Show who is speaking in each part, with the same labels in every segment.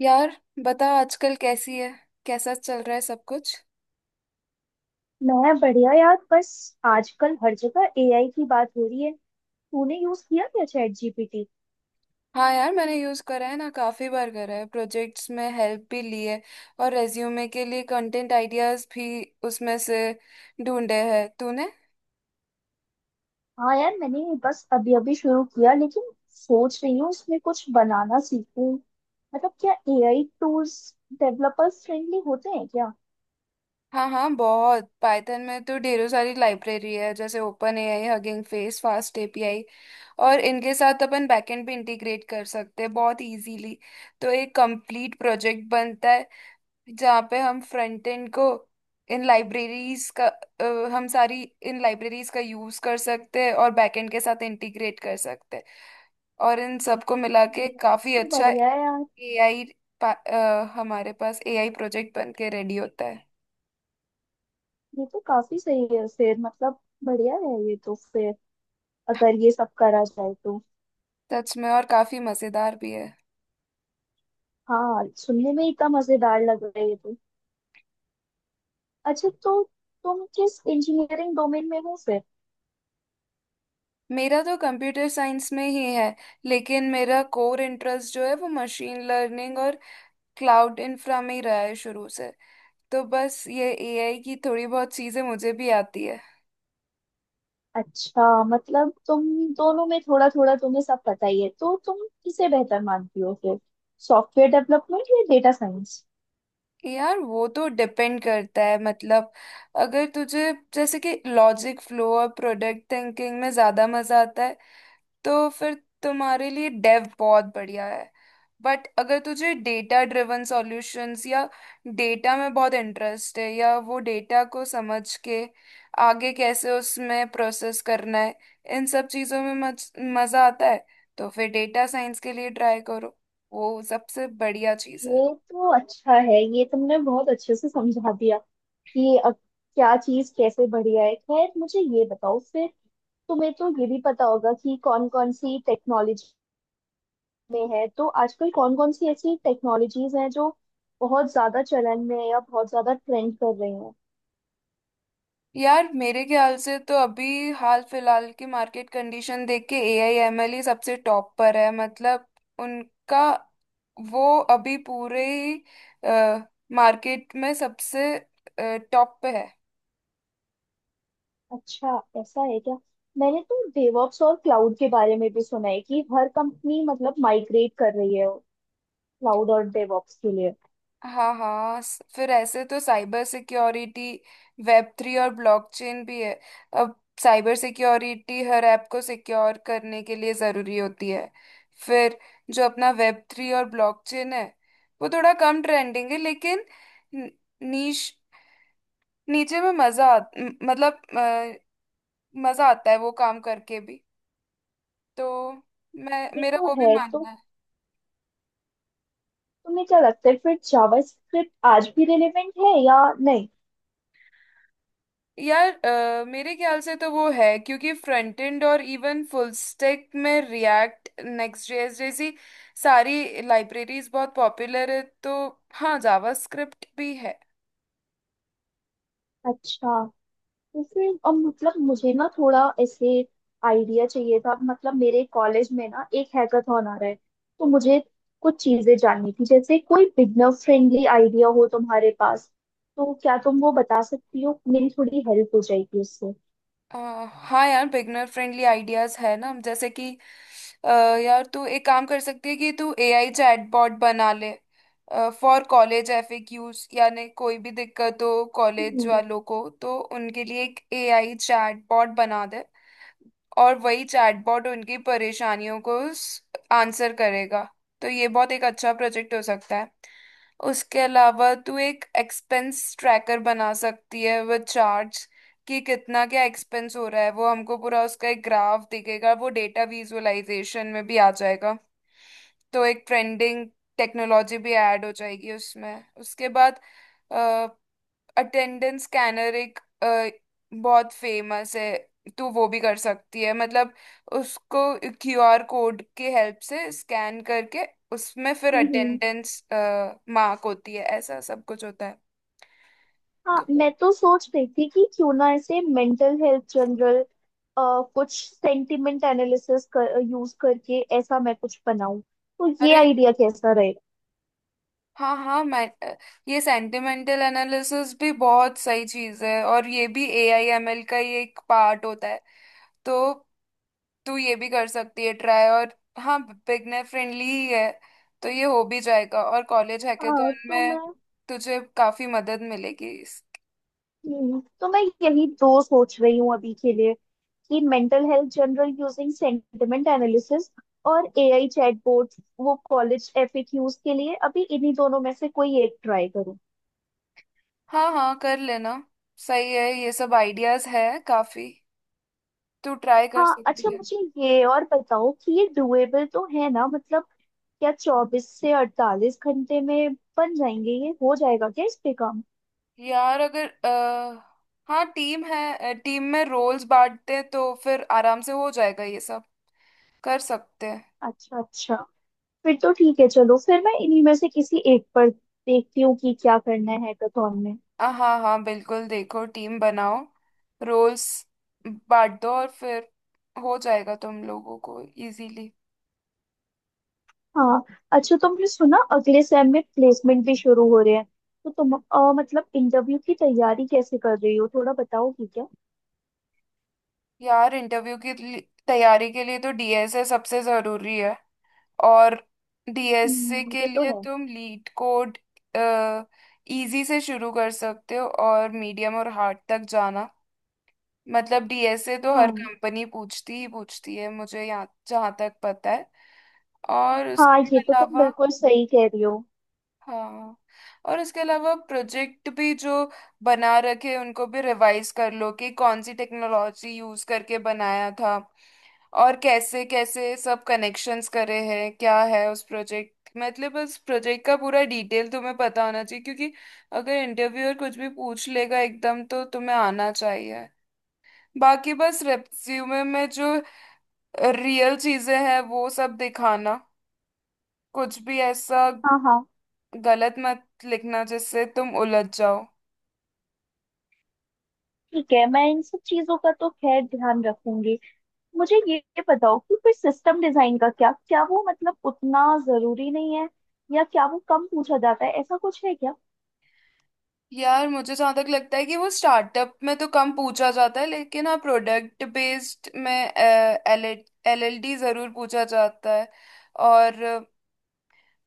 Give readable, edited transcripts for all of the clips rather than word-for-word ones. Speaker 1: यार, बता आजकल कैसी है। कैसा चल रहा है सब कुछ।
Speaker 2: मैं बढ़िया यार। बस आजकल हर जगह एआई की बात हो रही है। तूने यूज किया क्या चैट जीपीटी?
Speaker 1: हाँ यार, मैंने यूज़ करा है ना, काफ़ी बार करा है, प्रोजेक्ट्स में हेल्प भी ली है और रेज्यूमे के लिए कंटेंट आइडियाज़ भी उसमें से ढूंढे हैं तूने।
Speaker 2: हाँ यार, मैंने बस अभी अभी शुरू किया, लेकिन सोच रही हूँ इसमें कुछ बनाना सीखूं। मतलब क्या एआई टूल्स डेवलपर्स फ्रेंडली होते हैं क्या?
Speaker 1: हाँ हाँ, बहुत। पाइथन में तो ढेरों सारी लाइब्रेरी है, जैसे open AI, hugging face, fast API. और इनके साथ अपन बैकएंड भी इंटीग्रेट कर सकते हैं बहुत इजीली। तो एक कंप्लीट प्रोजेक्ट बनता है जहाँ पे हम फ्रंट एंड को इन लाइब्रेरीज का अ, हम सारी इन लाइब्रेरीज का यूज कर सकते हैं और बैक एंड के साथ इंटीग्रेट कर सकते हैं। और इन सबको मिला के
Speaker 2: ये
Speaker 1: काफी
Speaker 2: तो
Speaker 1: अच्छा
Speaker 2: बढ़िया है यार।
Speaker 1: एआई, हमारे पास एआई प्रोजेक्ट बन के रेडी होता है।
Speaker 2: ये तो काफी सही है फिर, मतलब बढ़िया है ये तो। फिर अगर ये सब करा जाए तो।
Speaker 1: सच में, और काफी मजेदार भी है।
Speaker 2: हाँ, सुनने में इतना मजेदार लग रहा है ये तो। अच्छा, तो तुम किस इंजीनियरिंग डोमेन में हो फिर?
Speaker 1: मेरा तो कंप्यूटर साइंस में ही है, लेकिन मेरा कोर इंटरेस्ट जो है वो मशीन लर्निंग और क्लाउड इंफ्रा में ही रहा है शुरू से। तो बस ये एआई की थोड़ी बहुत चीजें मुझे भी आती है।
Speaker 2: अच्छा, मतलब तुम दोनों में थोड़ा थोड़ा तुम्हें सब पता ही है, तो तुम किसे बेहतर मानती हो फिर, सॉफ्टवेयर डेवलपमेंट या डेटा साइंस?
Speaker 1: यार वो तो डिपेंड करता है, मतलब अगर तुझे जैसे कि लॉजिक फ्लो और प्रोडक्ट थिंकिंग में ज्यादा मजा आता है तो फिर तुम्हारे लिए डेव बहुत बढ़िया है। बट अगर तुझे डेटा ड्रिवन सॉल्यूशंस या डेटा में बहुत इंटरेस्ट है, या वो डेटा को समझ के आगे कैसे उसमें प्रोसेस करना है, इन सब चीजों में मजा आता है, तो फिर डेटा साइंस के लिए ट्राई करो। वो सबसे बढ़िया चीज़ है।
Speaker 2: ये तो अच्छा है, ये तुमने बहुत अच्छे से समझा दिया कि अब क्या चीज कैसे बढ़िया है। खैर मुझे ये बताओ फिर, तुम्हें तो ये भी पता होगा कि कौन कौन सी टेक्नोलॉजी में है, तो आजकल कौन कौन सी ऐसी टेक्नोलॉजीज हैं जो बहुत ज्यादा चलन में है या बहुत ज्यादा ट्रेंड कर रही हैं?
Speaker 1: यार मेरे ख्याल से तो अभी हाल फिलहाल की मार्केट कंडीशन देख के AI ML ही सबसे टॉप पर है। मतलब उनका वो अभी पूरे ही मार्केट में सबसे टॉप पे है।
Speaker 2: अच्छा, ऐसा है क्या? मैंने तो डेवऑप्स और क्लाउड के बारे में भी सुना है कि हर कंपनी मतलब माइग्रेट कर रही है क्लाउड और डेवऑप्स के लिए।
Speaker 1: हाँ हाँ, फिर ऐसे तो साइबर सिक्योरिटी, वेब थ्री और ब्लॉकचेन भी है। अब साइबर सिक्योरिटी हर ऐप को सिक्योर करने के लिए ज़रूरी होती है। फिर जो अपना वेब थ्री और ब्लॉकचेन है वो थोड़ा कम ट्रेंडिंग है, लेकिन न- नीश नीचे में मतलब मज़ा आता है वो काम करके भी। तो मैं,
Speaker 2: ये
Speaker 1: मेरा
Speaker 2: तो
Speaker 1: वो भी
Speaker 2: है।
Speaker 1: मानना
Speaker 2: तो
Speaker 1: है।
Speaker 2: तुम्हें क्या लगता है फिर, जावास्क्रिप्ट आज भी रिलेवेंट है या नहीं?
Speaker 1: यार मेरे ख्याल से तो वो है क्योंकि फ्रंट एंड और इवन फुल स्टैक में रिएक्ट, नेक्स्ट जेएस जैसी सारी लाइब्रेरीज बहुत पॉपुलर है। तो हाँ, जावास्क्रिप्ट भी है।
Speaker 2: अच्छा, जैसे अब मतलब मुझे ना थोड़ा ऐसे आइडिया चाहिए था। मतलब मेरे कॉलेज में ना एक हैकाथॉन आ रहा है, तो मुझे कुछ चीजें जाननी थी, जैसे कोई बिगनर फ्रेंडली आइडिया हो तुम्हारे पास तो क्या तुम वो बता सकती हो? मेरी थोड़ी हेल्प हो जाएगी उससे।
Speaker 1: अ, हाँ यार, बिगनर फ्रेंडली आइडियाज है ना। जैसे कि अ, यार तू एक काम कर सकती है कि तू एआई चैटबॉट बना ले फॉर कॉलेज एफएक्यूज, यानी कोई भी दिक्कत हो कॉलेज
Speaker 2: हम्म।
Speaker 1: वालों को तो उनके लिए एक एआई चैटबॉट बना दे। और वही चैटबॉट उनकी परेशानियों को आंसर करेगा। तो ये बहुत एक अच्छा प्रोजेक्ट हो सकता है। उसके अलावा तू एक एक्सपेंस ट्रैकर बना सकती है विद चार्ट्स, कि कितना क्या एक्सपेंस हो रहा है, वो हमको पूरा उसका एक ग्राफ दिखेगा, वो डेटा विजुअलाइजेशन में भी आ जाएगा। तो एक ट्रेंडिंग टेक्नोलॉजी भी ऐड हो जाएगी उसमें। उसके बाद अटेंडेंस स्कैनर एक बहुत फेमस है, तो वो भी कर सकती है। मतलब उसको क्यूआर कोड के हेल्प से स्कैन करके उसमें फिर
Speaker 2: हम्म।
Speaker 1: अटेंडेंस मार्क होती है, ऐसा सब कुछ होता है
Speaker 2: हाँ
Speaker 1: तो।
Speaker 2: मैं तो सोच रही थी कि क्यों ना ऐसे मेंटल हेल्थ जनरल कुछ सेंटिमेंट एनालिसिस कर यूज करके ऐसा मैं कुछ बनाऊं, तो ये
Speaker 1: अरे
Speaker 2: आइडिया कैसा रहेगा?
Speaker 1: हाँ हाँ, मैं ये सेंटिमेंटल एनालिसिस भी बहुत सही चीज है, और ये भी AI ML का ही एक पार्ट होता है। तो तू ये भी कर सकती है ट्राई। और हाँ, बिगनर फ्रेंडली ही है तो ये हो भी जाएगा, और कॉलेज
Speaker 2: हाँ
Speaker 1: हैकेथॉन
Speaker 2: तो
Speaker 1: में
Speaker 2: मैं,
Speaker 1: तुझे काफी मदद मिलेगी
Speaker 2: तो मैं यही दो सोच रही हूँ अभी के लिए, कि mental health journal using sentiment analysis और एआई चैटबॉट वो कॉलेज एफएक्यूज के लिए। अभी इन्हीं दोनों में से कोई एक ट्राई करूँ?
Speaker 1: हाँ हाँ, कर लेना। सही है, ये सब आइडियाज है काफी, तू ट्राई कर
Speaker 2: हाँ।
Speaker 1: सकती
Speaker 2: अच्छा
Speaker 1: है।
Speaker 2: मुझे ये और बताओ कि ये डुएबल तो है ना? मतलब क्या 24 से 48 घंटे में बन जाएंगे, ये हो जाएगा क्या इस पे काम?
Speaker 1: यार अगर हाँ, टीम है, टीम में रोल्स बांटते हैं तो फिर आराम से हो जाएगा ये सब, कर सकते हैं।
Speaker 2: अच्छा अच्छा, फिर तो ठीक है। चलो फिर मैं इन्हीं में से किसी एक पर देखती हूँ कि क्या करना है हैकाथॉन में।
Speaker 1: हाँ हाँ बिल्कुल, देखो टीम बनाओ, रोल्स बांट दो और फिर हो जाएगा तुम लोगों को इजीली।
Speaker 2: हाँ। अच्छा, तुमने सुना अगले सेम में प्लेसमेंट भी शुरू हो रहे हैं? तो तुम मतलब इंटरव्यू की तैयारी कैसे कर रही हो थोड़ा बताओगी क्या?
Speaker 1: यार इंटरव्यू की तैयारी के लिए तो डीएसए सबसे जरूरी है। और डीएसए के
Speaker 2: ये तो
Speaker 1: लिए
Speaker 2: है।
Speaker 1: तुम लीड कोड इजी से शुरू कर सकते हो, और मीडियम और हार्ड तक जाना। मतलब डीएसए तो हर
Speaker 2: हाँ।
Speaker 1: कंपनी पूछती ही पूछती है, मुझे यहाँ जहाँ तक पता है। और
Speaker 2: हाँ,
Speaker 1: उसके
Speaker 2: ये तो तुम
Speaker 1: अलावा
Speaker 2: बिल्कुल सही कह रही हो।
Speaker 1: हाँ, और इसके अलावा प्रोजेक्ट भी जो बना रखे उनको भी रिवाइज कर लो, कि कौन सी टेक्नोलॉजी यूज करके बनाया था और कैसे कैसे सब कनेक्शंस करे हैं, क्या है उस प्रोजेक्ट, मतलब उस प्रोजेक्ट का पूरा डिटेल तुम्हें पता होना चाहिए। क्योंकि अगर इंटरव्यूअर कुछ भी पूछ लेगा एकदम तो तुम्हें आना चाहिए। बाकी बस रेज्यूमे में जो रियल चीजें हैं वो सब दिखाना। कुछ भी ऐसा
Speaker 2: हाँ हाँ।
Speaker 1: गलत मत लिखना जिससे तुम उलझ जाओ।
Speaker 2: ठीक है, मैं इन सब चीजों का तो खैर ध्यान रखूंगी। मुझे ये बताओ कि फिर सिस्टम डिजाइन का क्या, क्या वो मतलब उतना जरूरी नहीं है, या क्या वो कम पूछा जाता है, ऐसा कुछ है क्या?
Speaker 1: यार मुझे जहाँ तक लगता है कि वो स्टार्टअप में तो कम पूछा जाता है, लेकिन हाँ, प्रोडक्ट बेस्ड में LLLD जरूर पूछा जाता है। और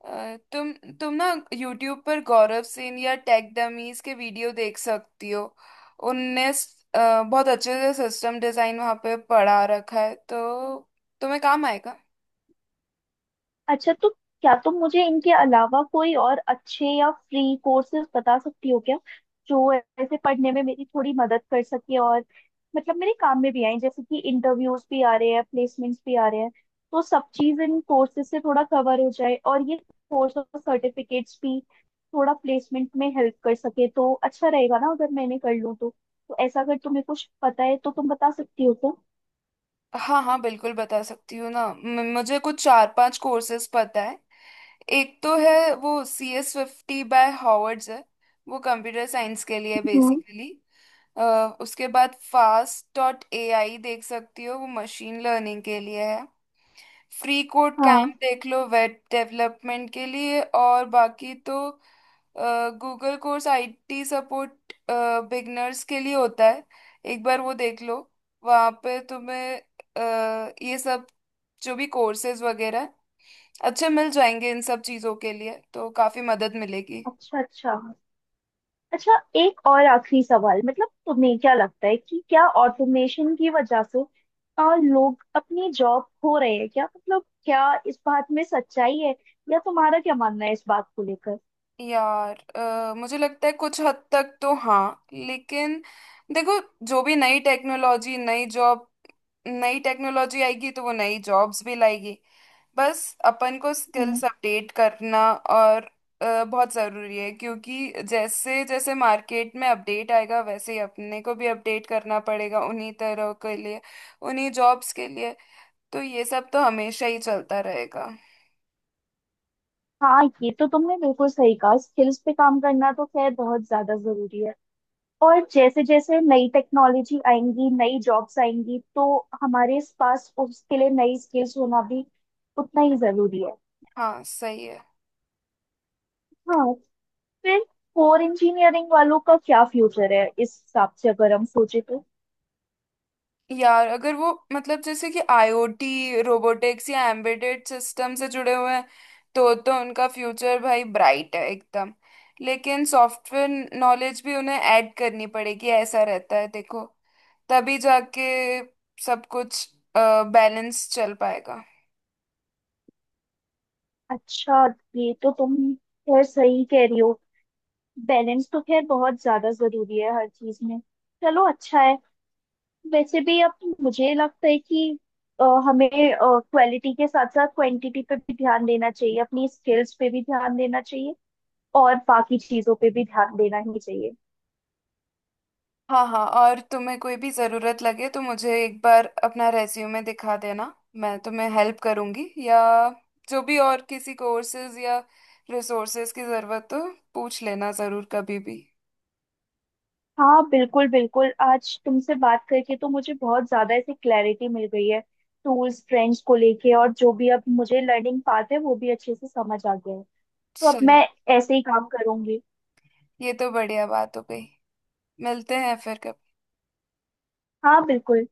Speaker 1: अ, तुम तुम ना यूट्यूब पर गौरव सेन या टेक डमीज के वीडियो देख सकती हो। उनने बहुत अच्छे से सिस्टम डिजाइन वहाँ पे पढ़ा रखा है, तो तुम्हें काम आएगा।
Speaker 2: अच्छा, तो क्या तुम मुझे इनके अलावा कोई और अच्छे या फ्री कोर्सेज बता सकती हो क्या, जो ऐसे पढ़ने में मेरी थोड़ी मदद कर सके, और मतलब मेरे काम में भी आए। जैसे कि इंटरव्यूज भी आ रहे हैं, प्लेसमेंट्स भी आ रहे हैं, तो सब चीज इन कोर्सेज से थोड़ा कवर हो जाए, और ये कोर्स और सर्टिफिकेट्स भी थोड़ा प्लेसमेंट में हेल्प कर सके, तो अच्छा रहेगा ना अगर मैंने कर लूँ तो। तो ऐसा अगर तुम्हें कुछ पता है तो तुम बता सकती हो तो।
Speaker 1: हाँ हाँ बिल्कुल, बता सकती हूँ ना। मुझे कुछ चार पांच कोर्सेज पता है। एक तो है वो CS50 बाय हॉवर्ड्स है, वो कंप्यूटर साइंस के लिए
Speaker 2: हम्म।
Speaker 1: बेसिकली। उसके बाद fast.ai देख सकती हो, वो मशीन लर्निंग के लिए है। फ्री कोड
Speaker 2: हाँ।
Speaker 1: कैंप देख लो वेब डेवलपमेंट के लिए। और बाकी तो Google course IT support beginners के लिए होता है, एक बार वो देख लो। वहाँ पे तुम्हें ये सब जो भी कोर्सेज वगैरह अच्छे मिल जाएंगे। इन सब चीजों के लिए तो काफी मदद मिलेगी।
Speaker 2: अच्छा अच्छा। अच्छा, एक और आखिरी सवाल, मतलब तुम्हें क्या लगता है कि क्या ऑटोमेशन की वजह से लोग अपनी जॉब खो रहे हैं क्या? मतलब क्या इस बात में सच्चाई है, या तुम्हारा क्या मानना है इस बात को लेकर?
Speaker 1: यार मुझे लगता है कुछ हद तक तो हाँ, लेकिन देखो जो भी नई टेक्नोलॉजी, नई जॉब, नई टेक्नोलॉजी आएगी तो वो नई जॉब्स भी लाएगी। बस अपन को
Speaker 2: हम्म,
Speaker 1: स्किल्स अपडेट करना और बहुत ज़रूरी है। क्योंकि जैसे जैसे मार्केट में अपडेट आएगा वैसे ही अपने को भी अपडेट करना पड़ेगा उन्हीं तरह के लिए, उन्हीं जॉब्स के लिए। तो ये सब तो हमेशा ही चलता रहेगा।
Speaker 2: हाँ, ये तो तुमने बिल्कुल सही कहा। स्किल्स पे काम करना तो खैर बहुत ज्यादा जरूरी है। और जैसे जैसे नई टेक्नोलॉजी आएंगी, नई जॉब्स आएंगी, तो हमारे पास उसके लिए नई स्किल्स होना भी उतना ही जरूरी है।
Speaker 1: हाँ सही है।
Speaker 2: हाँ। फिर कोर इंजीनियरिंग वालों का क्या फ्यूचर है इस हिसाब से, अगर हम सोचे तो?
Speaker 1: यार अगर वो, मतलब जैसे कि आईओटी, रोबोटिक्स या एम्बेडेड सिस्टम से जुड़े हुए हैं तो उनका फ्यूचर भाई ब्राइट है एकदम। लेकिन सॉफ्टवेयर नॉलेज भी उन्हें ऐड करनी पड़ेगी, ऐसा रहता है देखो। तभी जाके सब कुछ बैलेंस चल पाएगा।
Speaker 2: अच्छा, ये तो तुम खैर सही कह रही हो। बैलेंस तो खैर बहुत ज्यादा जरूरी है हर चीज में। चलो अच्छा है। वैसे भी अब मुझे लगता है कि हमें क्वालिटी के साथ साथ क्वांटिटी पे भी ध्यान देना चाहिए, अपनी स्किल्स पे भी ध्यान देना चाहिए, और बाकी चीजों पे भी ध्यान देना ही चाहिए।
Speaker 1: हाँ हाँ, और तुम्हें कोई भी ज़रूरत लगे तो मुझे एक बार अपना रेज्यूमे दिखा देना। मैं तुम्हें हेल्प करूँगी, या जो भी और किसी कोर्सेज या रिसोर्सेज की ज़रूरत हो पूछ लेना ज़रूर कभी भी।
Speaker 2: हाँ बिल्कुल बिल्कुल, आज तुमसे बात करके तो मुझे बहुत ज़्यादा ऐसी क्लैरिटी मिल गई है टूल्स ट्रेंड्स को लेके, और जो भी अब मुझे लर्निंग पाथ है वो भी अच्छे से समझ आ गया है। तो अब
Speaker 1: चलो,
Speaker 2: मैं ऐसे ही काम करूंगी।
Speaker 1: ये तो बढ़िया बात हो गई। मिलते हैं फिर कभी।
Speaker 2: हाँ बिल्कुल।